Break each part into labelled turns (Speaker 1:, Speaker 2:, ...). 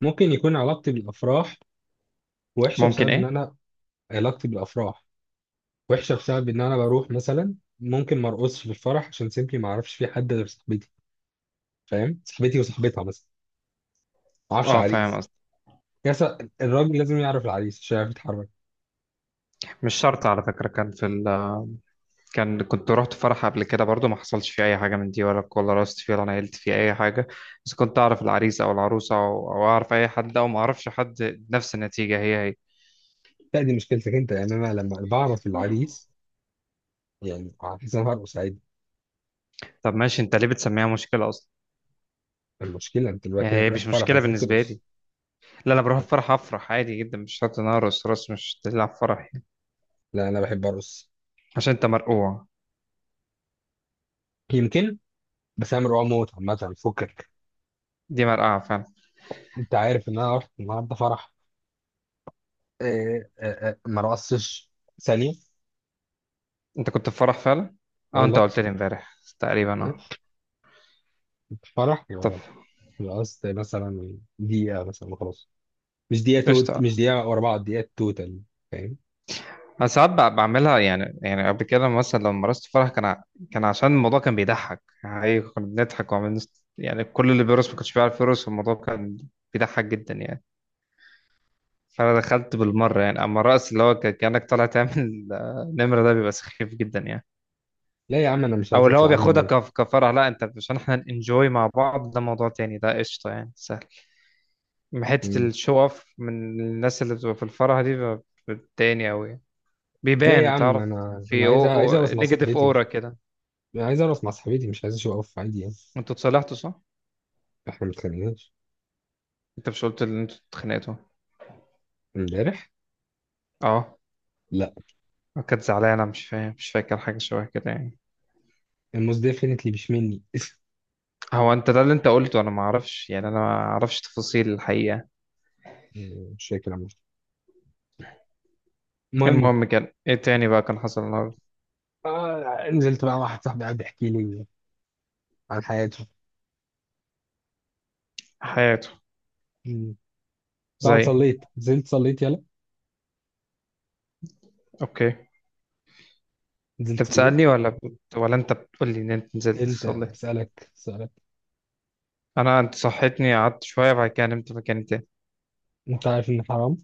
Speaker 1: ممكن يكون علاقتي بالافراح وحشه
Speaker 2: ممكن،
Speaker 1: بسبب ان
Speaker 2: ايه.
Speaker 1: انا، علاقتي بالافراح وحشه بسبب ان انا بروح مثلا، ممكن ما ارقصش في الفرح عشان سيمبلي ما اعرفش في حد غير صاحبتي، فاهم؟ صاحبتي وصاحبتها مثلا، ما اعرفش
Speaker 2: اه، فاهم
Speaker 1: عريس.
Speaker 2: قصدي.
Speaker 1: الراجل لازم يعرف العريس عشان يعرف يتحرك.
Speaker 2: مش شرط على فكرة. كان في ال كان كنت رحت فرح قبل كده برضو، ما حصلش فيه اي حاجة من دي، ولا رقصت فيه ولا نيلت فيه اي حاجة. بس كنت اعرف العريس او العروسة أو اعرف اي حد او ما اعرفش حد، نفس النتيجة، هي هي.
Speaker 1: لا، دي مشكلتك انت، يعني انا لما بعرف العريس يعني هحس ان انا هرقص عادي.
Speaker 2: طب ماشي، انت ليه بتسميها مشكلة اصلا؟
Speaker 1: المشكله انت
Speaker 2: يعني
Speaker 1: دلوقتي
Speaker 2: هي
Speaker 1: رحت
Speaker 2: مش
Speaker 1: فرح،
Speaker 2: مشكلة
Speaker 1: المفروض
Speaker 2: بالنسبة
Speaker 1: ترقص.
Speaker 2: لي. لا، انا بروح الفرح افرح عادي جدا، مش شرط ان أنا ارقص. رقص مش تلعب فرح يعني.
Speaker 1: لا، انا بحب ارقص.
Speaker 2: عشان انت مرقوع.
Speaker 1: يمكن. بس انا مرعوب موت، عامه فكك.
Speaker 2: دي مرقعة فعلا.
Speaker 1: انت عارف ان انا رحت النهارده فرح؟ إيه، إيه، إيه، ما رقصتش ثانية.
Speaker 2: انت كنت في فرح فعلا؟ اه، انت
Speaker 1: والله.
Speaker 2: قلت لي امبارح تقريبا، اه.
Speaker 1: فرح
Speaker 2: طب.
Speaker 1: يعني. رقصت مثلا دقيقة مثلا وخلاص. مش دقيقة توت،
Speaker 2: قشطة.
Speaker 1: مش دقيقة ورا بعض، دقيقة توتال. فاهم.
Speaker 2: انا ساعات بعملها يعني قبل كده مثلا، لما مارست فرح، كان عشان الموضوع كان بيضحك يعني، كنا بنضحك، يعني كل اللي بيرقص ما كانش بيعرف يرقص، والموضوع كان بيضحك جدا يعني. فانا دخلت بالمره يعني. اما الرقص كانك طالع تعمل نمره، ده بيبقى سخيف جدا يعني.
Speaker 1: لا يا عم، أنا مش
Speaker 2: او
Speaker 1: عايز
Speaker 2: اللي هو
Speaker 1: أطلع أعمل
Speaker 2: بياخدها
Speaker 1: نوم.
Speaker 2: كفرح. لا انت، عشان احنا انجوي مع بعض، ده موضوع تاني، ده قشطه يعني، سهل. أما حته
Speaker 1: مم.
Speaker 2: الشو اوف من الناس اللي بتبقى في الفرح دي، بتبقى بتضايقني قوي.
Speaker 1: لا يا
Speaker 2: بيبان،
Speaker 1: عم،
Speaker 2: تعرف؟
Speaker 1: أنا
Speaker 2: في
Speaker 1: عايز
Speaker 2: او
Speaker 1: عايز
Speaker 2: او
Speaker 1: أرقص مع
Speaker 2: نيجاتيف
Speaker 1: صاحبتي،
Speaker 2: اورا
Speaker 1: مش...
Speaker 2: كده.
Speaker 1: أنا عايز أرقص مع صاحبتي، مش عايز أشوف أقف عادي يعني.
Speaker 2: انتوا اتصالحتوا، صح؟
Speaker 1: إحنا ما اتخانقناش
Speaker 2: انت مش قلت ان انتوا اتخانقتوا؟
Speaker 1: امبارح.
Speaker 2: اه.
Speaker 1: لا.
Speaker 2: كانت زعلانة، مش فاهم، مش فاكر، حاجة شبه كده يعني.
Speaker 1: الموز ديفينتلي مش مني
Speaker 2: هو انت ده اللي انت قلته، انا ما اعرفش يعني. انا ما اعرفش تفاصيل الحقيقة.
Speaker 1: مش فاكر عمري. المهم.
Speaker 2: المهم، كان ايه تاني بقى كان حصل النهارده؟
Speaker 1: نزلت بقى، واحد صاحبي قاعد يحكي لي عن حياته.
Speaker 2: حياته.
Speaker 1: مم.
Speaker 2: زي.
Speaker 1: طبعا صليت، نزلت صليت، يلا.
Speaker 2: اوكي. انت
Speaker 1: نزلت صليت.
Speaker 2: بتسألني ولا انت بتقول لي ان انت نزلت
Speaker 1: انت
Speaker 2: صليت؟
Speaker 1: بسألك سؤالك.
Speaker 2: انت صحيتني، قعدت شوية، بعد كده نمت مكاني تاني.
Speaker 1: انت عارف ان حرام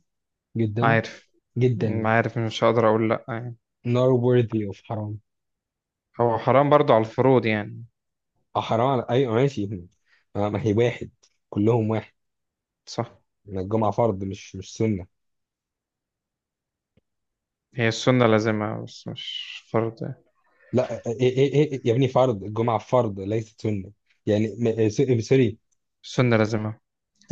Speaker 1: جدا
Speaker 2: عارف.
Speaker 1: جدا.
Speaker 2: ما عارف، مش هقدر اقول لا يعني.
Speaker 1: not worthy of حرام.
Speaker 2: هو حرام برضو على الفروض يعني.
Speaker 1: اه، حرام ايوه، ماشي. ما هي واحد، كلهم واحد.
Speaker 2: صح.
Speaker 1: ما الجمعة فرض، مش سنة.
Speaker 2: هي السنة لازمها بس مش فرض يعني.
Speaker 1: لا، إيه إيه إيه إيه، يا ابني، فرض الجمعة فرض ليست سنة. يعني م- إيه، س- إيه، سوري.
Speaker 2: السنة لازمها.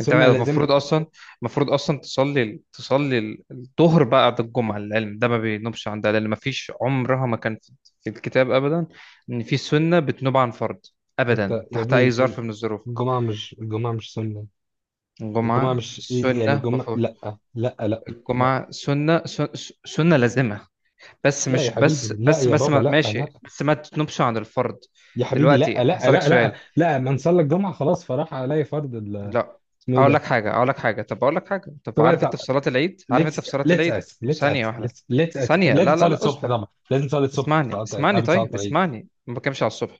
Speaker 2: انت المفروض
Speaker 1: لازم.
Speaker 2: اصلا. المفروض اصلا تصلي الظهر بعد الجمعه. العلم ده ما بينوبش عن ده، لان ما فيش، عمرها ما كان في الكتاب ابدا ان في سنه بتنوب عن فرض. ابدا،
Speaker 1: انت يا
Speaker 2: تحت اي
Speaker 1: ابني،
Speaker 2: ظرف من الظروف.
Speaker 1: الجمعة مش سنة. الجمعة
Speaker 2: الجمعه
Speaker 1: مش إيه، يعني
Speaker 2: سنه
Speaker 1: الجمعة
Speaker 2: مفروض.
Speaker 1: لا. لا لا لا
Speaker 2: الجمعه سنه سنه لازمه. بس
Speaker 1: لا يا
Speaker 2: مش، بس
Speaker 1: حبيبي لا،
Speaker 2: بس
Speaker 1: يا
Speaker 2: بس
Speaker 1: بابا
Speaker 2: ما
Speaker 1: لا
Speaker 2: ماشي،
Speaker 1: لا.
Speaker 2: بس ما تنوبش عن الفرض.
Speaker 1: يا حبيبي،
Speaker 2: دلوقتي
Speaker 1: لا لا
Speaker 2: هسألك
Speaker 1: لا لا
Speaker 2: سؤال.
Speaker 1: لا، من صلى الجمعه خلاص فراح عليه فرض
Speaker 2: لا،
Speaker 1: اسمه ايه ده؟
Speaker 2: اقول لك حاجه. طب
Speaker 1: طب
Speaker 2: عارف انت
Speaker 1: طب.
Speaker 2: في صلاه العيد؟
Speaker 1: ليتس ليتس اس ليتس
Speaker 2: ثانيه
Speaker 1: اس
Speaker 2: واحده.
Speaker 1: ليتس ليتس اس
Speaker 2: ثانيه،
Speaker 1: لازم
Speaker 2: لا لا
Speaker 1: تصلي
Speaker 2: لا،
Speaker 1: الصبح،
Speaker 2: اصبر.
Speaker 1: طبعا لازم تصلي الصبح في قبل صلاه العيد.
Speaker 2: اسمعني، ما بتكلمش على الصبح.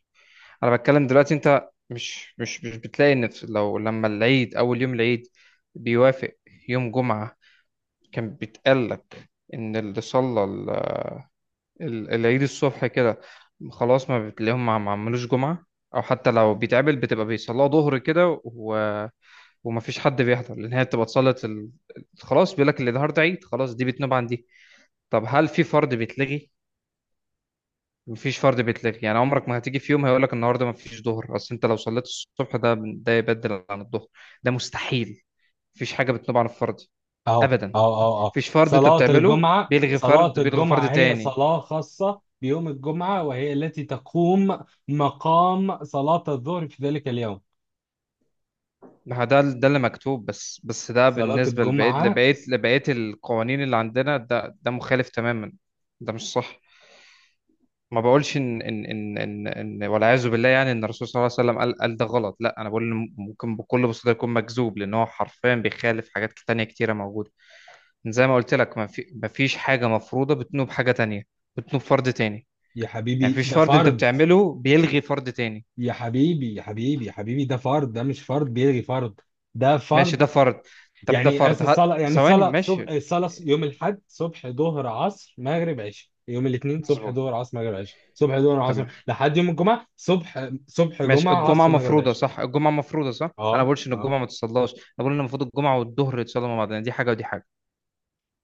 Speaker 2: انا بتكلم دلوقتي. انت مش بتلاقي ان في- لو لما العيد، اول يوم العيد بيوافق يوم جمعه، كان بيتقال لك ان اللي صلى العيد الصبح كده، خلاص ما بتلاقيهم، ما عملوش جمعه. او حتى لو بيتقابل، بتبقى بيصلوا ظهر كده، ومفيش حد بيحضر، لان هي بتبقى اتصلت خلاص. بيقول لك اللي النهارده عيد، خلاص، دي بتنوب عن دي. طب هل في فرض بيتلغي؟ مفيش فرض بيتلغي يعني. عمرك ما هتيجي في يوم هيقول لك النهارده مفيش ظهر، اصل انت لو صليت الصبح ده يبدل عن الظهر. ده مستحيل. مفيش حاجه بتنوب عن الفرض
Speaker 1: اهو
Speaker 2: ابدا.
Speaker 1: اهو اهو اهو.
Speaker 2: مفيش فرض انت بتعمله بيلغي
Speaker 1: صلاه
Speaker 2: فرض. بيلغي فرض
Speaker 1: الجمعه هي
Speaker 2: تاني.
Speaker 1: صلاه خاصه بيوم الجمعه، وهي التي تقوم مقام صلاه الظهر في ذلك اليوم.
Speaker 2: ما هو ده اللي مكتوب. بس ده
Speaker 1: صلاه
Speaker 2: بالنسبه
Speaker 1: الجمعه.
Speaker 2: لبقيه القوانين اللي عندنا، ده مخالف تماما. ده مش صح. ما بقولش إن، والعياذ بالله يعني، ان الرسول صلى الله عليه وسلم قال ده غلط. لا، انا بقول إن ممكن بكل بساطه يكون مكذوب، لان هو حرفيا بيخالف حاجات تانية كتيره موجوده. زي ما قلت لك، ما فيش حاجه مفروضه بتنوب حاجه تانية. بتنوب فرض تاني
Speaker 1: يا
Speaker 2: يعني.
Speaker 1: حبيبي
Speaker 2: فيش
Speaker 1: ده
Speaker 2: فرض انت
Speaker 1: فرض.
Speaker 2: بتعمله بيلغي فرض تاني.
Speaker 1: يا حبيبي يا حبيبي يا حبيبي، ده فرض، ده مش فرض بيلغي فرض، ده
Speaker 2: ماشي،
Speaker 1: فرض.
Speaker 2: ده فرض. طب ده فرض، ها، ثواني،
Speaker 1: الصلاة صبح،
Speaker 2: ماشي.
Speaker 1: الصلاة يوم الأحد صبح ظهر عصر مغرب عشاء، يوم الاثنين صبح
Speaker 2: مظبوط.
Speaker 1: ظهر عصر مغرب عشاء، صبح ظهر عصر
Speaker 2: تمام.
Speaker 1: لحد يوم الجمعة، صبح، صبح
Speaker 2: ماشي،
Speaker 1: جمعة
Speaker 2: الجمعة
Speaker 1: عصر مغرب
Speaker 2: مفروضة
Speaker 1: عشاء.
Speaker 2: صح. أنا ما
Speaker 1: اه
Speaker 2: بقولش إن
Speaker 1: اه.
Speaker 2: الجمعة ما تصلاش. أنا بقول إن المفروض الجمعة والظهر يتصلوا مع بعض يعني، دي حاجة ودي حاجة.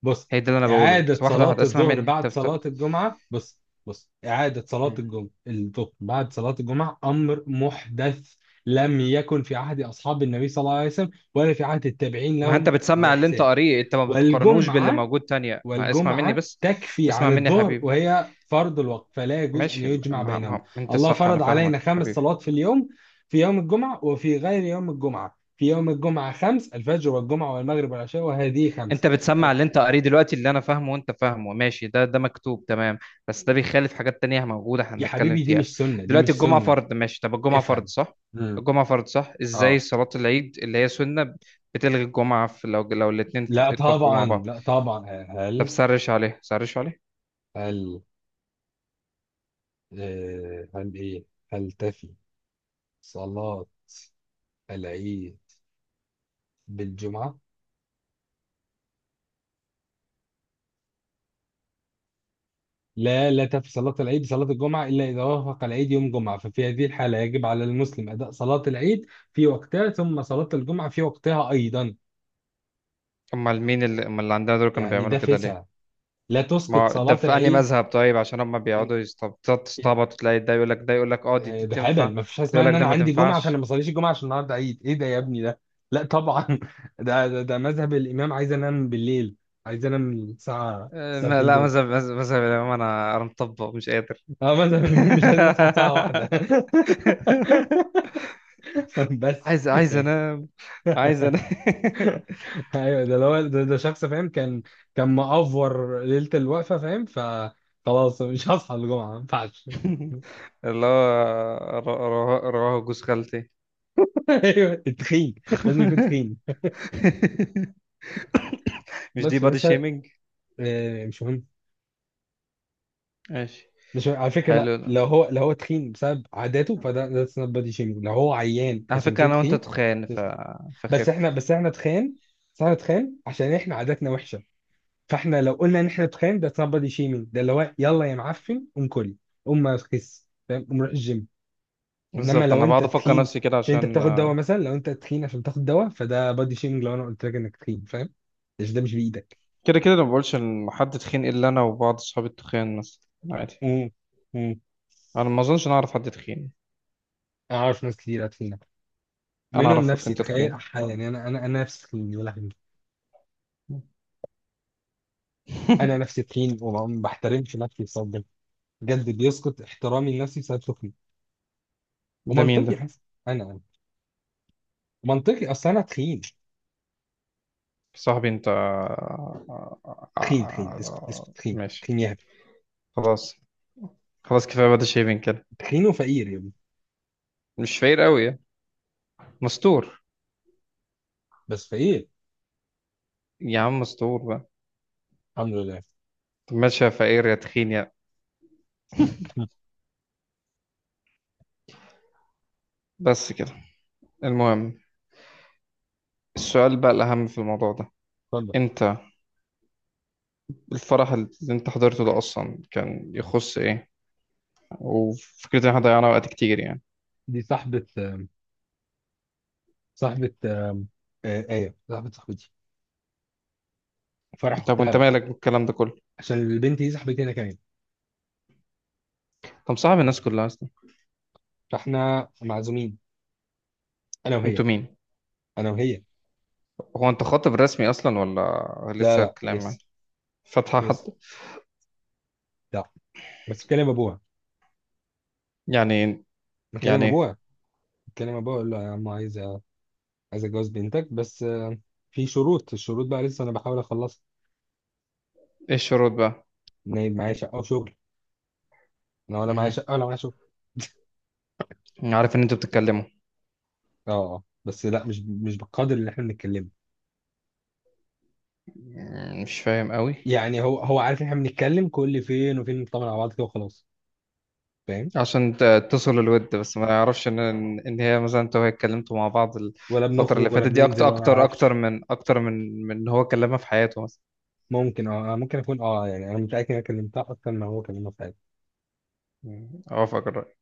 Speaker 1: بص،
Speaker 2: هي ده اللي انا بقوله،
Speaker 1: إعادة
Speaker 2: بس واحده
Speaker 1: صلاة
Speaker 2: هتسمع
Speaker 1: الظهر
Speaker 2: مني.
Speaker 1: بعد
Speaker 2: طب، طب.
Speaker 1: صلاة الجمعة. بص بص، إعادة صلاة
Speaker 2: مم.
Speaker 1: الجمعة، الظهر بعد صلاة الجمعة أمر محدث، لم يكن في عهد أصحاب النبي صلى الله عليه وسلم، ولا في عهد التابعين
Speaker 2: ما انت
Speaker 1: لهم
Speaker 2: بتسمع اللي انت
Speaker 1: بإحسان.
Speaker 2: قاريه، انت ما بتقارنوش باللي
Speaker 1: والجمعة
Speaker 2: موجود تانية. ما اسمع مني
Speaker 1: والجمعة
Speaker 2: بس.
Speaker 1: تكفي
Speaker 2: اسمع
Speaker 1: عن
Speaker 2: مني يا
Speaker 1: الظهر،
Speaker 2: حبيبي.
Speaker 1: وهي فرض الوقت، فلا يجوز أن
Speaker 2: ماشي.
Speaker 1: يجمع
Speaker 2: ما
Speaker 1: بينهم.
Speaker 2: ما انت
Speaker 1: الله
Speaker 2: صح، انا
Speaker 1: فرض علينا
Speaker 2: فاهمك يا
Speaker 1: خمس
Speaker 2: حبيبي.
Speaker 1: صلوات في اليوم، في يوم الجمعة وفي غير يوم الجمعة. في يوم الجمعة 5: الفجر والجمعة والمغرب والعشاء، وهذه 5.
Speaker 2: انت بتسمع اللي انت قاريه دلوقتي، اللي انا فاهمه وانت فاهمه، ماشي، ده مكتوب، تمام. بس ده بيخالف حاجات تانية موجودة احنا
Speaker 1: يا
Speaker 2: بنتكلم
Speaker 1: حبيبي دي
Speaker 2: فيها.
Speaker 1: مش سنة، دي
Speaker 2: دلوقتي
Speaker 1: مش
Speaker 2: الجمعة
Speaker 1: سنة.
Speaker 2: فرض، ماشي. طب الجمعة فرض
Speaker 1: افهم.
Speaker 2: صح؟
Speaker 1: امم
Speaker 2: ازاي
Speaker 1: اه.
Speaker 2: صلاة العيد اللي هي سنة بتلغي الجمعة في، لو الاتنين
Speaker 1: لا
Speaker 2: اتوافقوا مع
Speaker 1: طبعا،
Speaker 2: بعض؟
Speaker 1: لا طبعا.
Speaker 2: طب
Speaker 1: هل
Speaker 2: سرش عليه، سرش عليه.
Speaker 1: هل آه، هل ايه هل تفي صلاة العيد بالجمعة؟ لا، لا تفي صلاة العيد بصلاة الجمعة إلا إذا وافق العيد يوم جمعة، ففي هذه الحالة يجب على المسلم أداء صلاة العيد في وقتها، ثم صلاة الجمعة في وقتها أيضا.
Speaker 2: امال مين اللي، امال اللي عندنا دول كانوا
Speaker 1: يعني
Speaker 2: بيعملوا
Speaker 1: ده
Speaker 2: كده ليه؟
Speaker 1: فسع، لا تسقط
Speaker 2: ما ده
Speaker 1: صلاة
Speaker 2: في انهي
Speaker 1: العيد.
Speaker 2: مذهب؟ طيب عشان هم بيقعدوا يستعبطوا، تلاقي ده يقول لك، اه، دي
Speaker 1: ده
Speaker 2: دي
Speaker 1: ده
Speaker 2: تنفع،
Speaker 1: هبل،
Speaker 2: ده
Speaker 1: ما فيش حاجه اسمها
Speaker 2: يقول
Speaker 1: ان
Speaker 2: لك ده
Speaker 1: انا
Speaker 2: ما
Speaker 1: عندي جمعه فانا ما
Speaker 2: تنفعش.
Speaker 1: اصليش الجمعه عشان النهارده عيد. ايه ده يا ابني ده؟ لا طبعا ده مذهب الامام عايز انام بالليل، عايز انام الساعه الساعتين
Speaker 2: لا،
Speaker 1: دول.
Speaker 2: مذهب الامام، انا مطبق، مش قادر.
Speaker 1: اه، مذهب الامام مش عايز اصحى الساعه واحدة. بس
Speaker 2: عايز
Speaker 1: يعني.
Speaker 2: انام. عايز انام.
Speaker 1: ايوه، ده اللي هو ده, ده شخص فاهم، كان كان مأفور ليله الوقفه، فاهم، فخلاص مش هصحى الجمعه، ما ينفعش.
Speaker 2: اللي هو ر- رواه جوز خالتي.
Speaker 1: ايوه تخين، لازم يكون تخين.
Speaker 2: مش
Speaker 1: بس
Speaker 2: دي بادي
Speaker 1: فلسه.
Speaker 2: شيمينج؟
Speaker 1: مش مهم.
Speaker 2: ماشي.
Speaker 1: مش على فكرة، لا،
Speaker 2: حلو.
Speaker 1: لو هو تخين بسبب عاداته فده ذاتس نوت بادي شيمينج، لو هو عيان
Speaker 2: على
Speaker 1: عشان
Speaker 2: فكرة
Speaker 1: كده
Speaker 2: أنا وأنت
Speaker 1: تخين.
Speaker 2: تخان
Speaker 1: بس بس
Speaker 2: فخف.
Speaker 1: احنا بس احنا تخان بس احنا تخان عشان احنا عاداتنا وحشة. فاحنا لو قلنا ان احنا تخان ده نوت بادي شيمينج، ده اللي هو يلا يا معفن قوم كل، قوم ما تخس، فاهم، قوم روح الجيم. انما
Speaker 2: بالظبط،
Speaker 1: لو
Speaker 2: أنا
Speaker 1: انت
Speaker 2: بقعد أفكر
Speaker 1: تخين
Speaker 2: نفسي كده
Speaker 1: عشان انت
Speaker 2: عشان،
Speaker 1: بتاخد دواء، مثلا لو انت تخين عشان بتاخد دواء، فده بادي شيمينج لو انا قلت لك انك تخين، فاهم، عشان ده مش بايدك.
Speaker 2: كده أنا ما بقولش إن حد تخين إلا أنا وبعض أصحابي التخان مثلا. عادي.
Speaker 1: امم امم.
Speaker 2: أنا ما أظنش إن انا أعرف حد تخين.
Speaker 1: انا عارف ناس كتير تخينة،
Speaker 2: أنا
Speaker 1: منهم
Speaker 2: أعرفك
Speaker 1: نفسي.
Speaker 2: أنت
Speaker 1: تخيل
Speaker 2: تخين.
Speaker 1: انا نفسي تخين يا لهوي. انا نفسي تخين وما بحترمش نفسي بسبب ده. بجد بيسقط احترامي لنفسي بسبب سخني.
Speaker 2: ده مين ده؟
Speaker 1: ومنطقي حسن. انا منطقي، اصل انا تخين.
Speaker 2: صاحبي أنت.
Speaker 1: تخين تخين، اسكت اسكت، تخين
Speaker 2: ماشي.
Speaker 1: تخين يا هبل.
Speaker 2: خلاص. خلاص كفاية بدا، شايفين كده.
Speaker 1: تخين وفقير يا ابني.
Speaker 2: مش فقير قوي يعني، مستور.
Speaker 1: بس فقير.
Speaker 2: يا عم مستور بقى.
Speaker 1: الحمد لله.
Speaker 2: طب ماشي، يا فقير يا تخين، يا، بس كده. المهم، السؤال بقى الأهم في الموضوع ده.
Speaker 1: اتفضل.
Speaker 2: أنت الفرح اللي انت حضرته ده اصلا كان يخص ايه؟ وفكرة ان احنا ضيعنا وقت كتير يعني.
Speaker 1: دي صاحبة صاحبة آه، آية صاحبة صاحبتي، فرح
Speaker 2: طب
Speaker 1: أختها
Speaker 2: وانت
Speaker 1: بقى.
Speaker 2: مالك بالكلام ده كله؟
Speaker 1: عشان البنت دي صاحبتي أنا كمان،
Speaker 2: طب صاحب الناس كلها اصلا.
Speaker 1: فإحنا معزومين، أنا وهي
Speaker 2: انتوا مين؟
Speaker 1: أنا وهي
Speaker 2: هو انت خاطب رسمي اصلا ولا
Speaker 1: لا
Speaker 2: لسه
Speaker 1: لا،
Speaker 2: كلام
Speaker 1: لسه.
Speaker 2: يعني؟ فاتحة
Speaker 1: لسه.
Speaker 2: حد؟
Speaker 1: لا. بس
Speaker 2: يعني.
Speaker 1: بكلم
Speaker 2: يعني.
Speaker 1: أبوها بكلم أبوها أقول له يا عم عايز اتجوز بنتك، بس في شروط. الشروط بقى لسه انا بحاول اخلصها.
Speaker 2: ايه الشروط بقى؟
Speaker 1: ان هي معايا شقه وشغل، انا ولا معايا
Speaker 2: مهم.
Speaker 1: شقه ولا معايا شغل.
Speaker 2: انا عارف ان انتوا بتتكلموا.
Speaker 1: اه اه، بس لا، مش بالقدر اللي احنا بنتكلمه.
Speaker 2: مش فاهم قوي.
Speaker 1: يعني هو عارف ان احنا بنتكلم كل فين وفين، نطمن على بعض كده وخلاص، فاهم،
Speaker 2: عشان تصل الود، بس ما يعرفش ان ان هي مثلا، انتوا وهي اتكلمتوا مع بعض
Speaker 1: ولا
Speaker 2: الفترة اللي
Speaker 1: بنخرج ولا
Speaker 2: فاتت دي اكتر
Speaker 1: بننزل ولا ما
Speaker 2: اكتر اكتر
Speaker 1: اعرفش.
Speaker 2: من اكتر من إن هو كلمها في حياته مثلا.
Speaker 1: ممكن اكون يعني انا متاكد ان انا كلمتها اكتر ما هو كلمها.
Speaker 2: مم. اوافقك الرأي.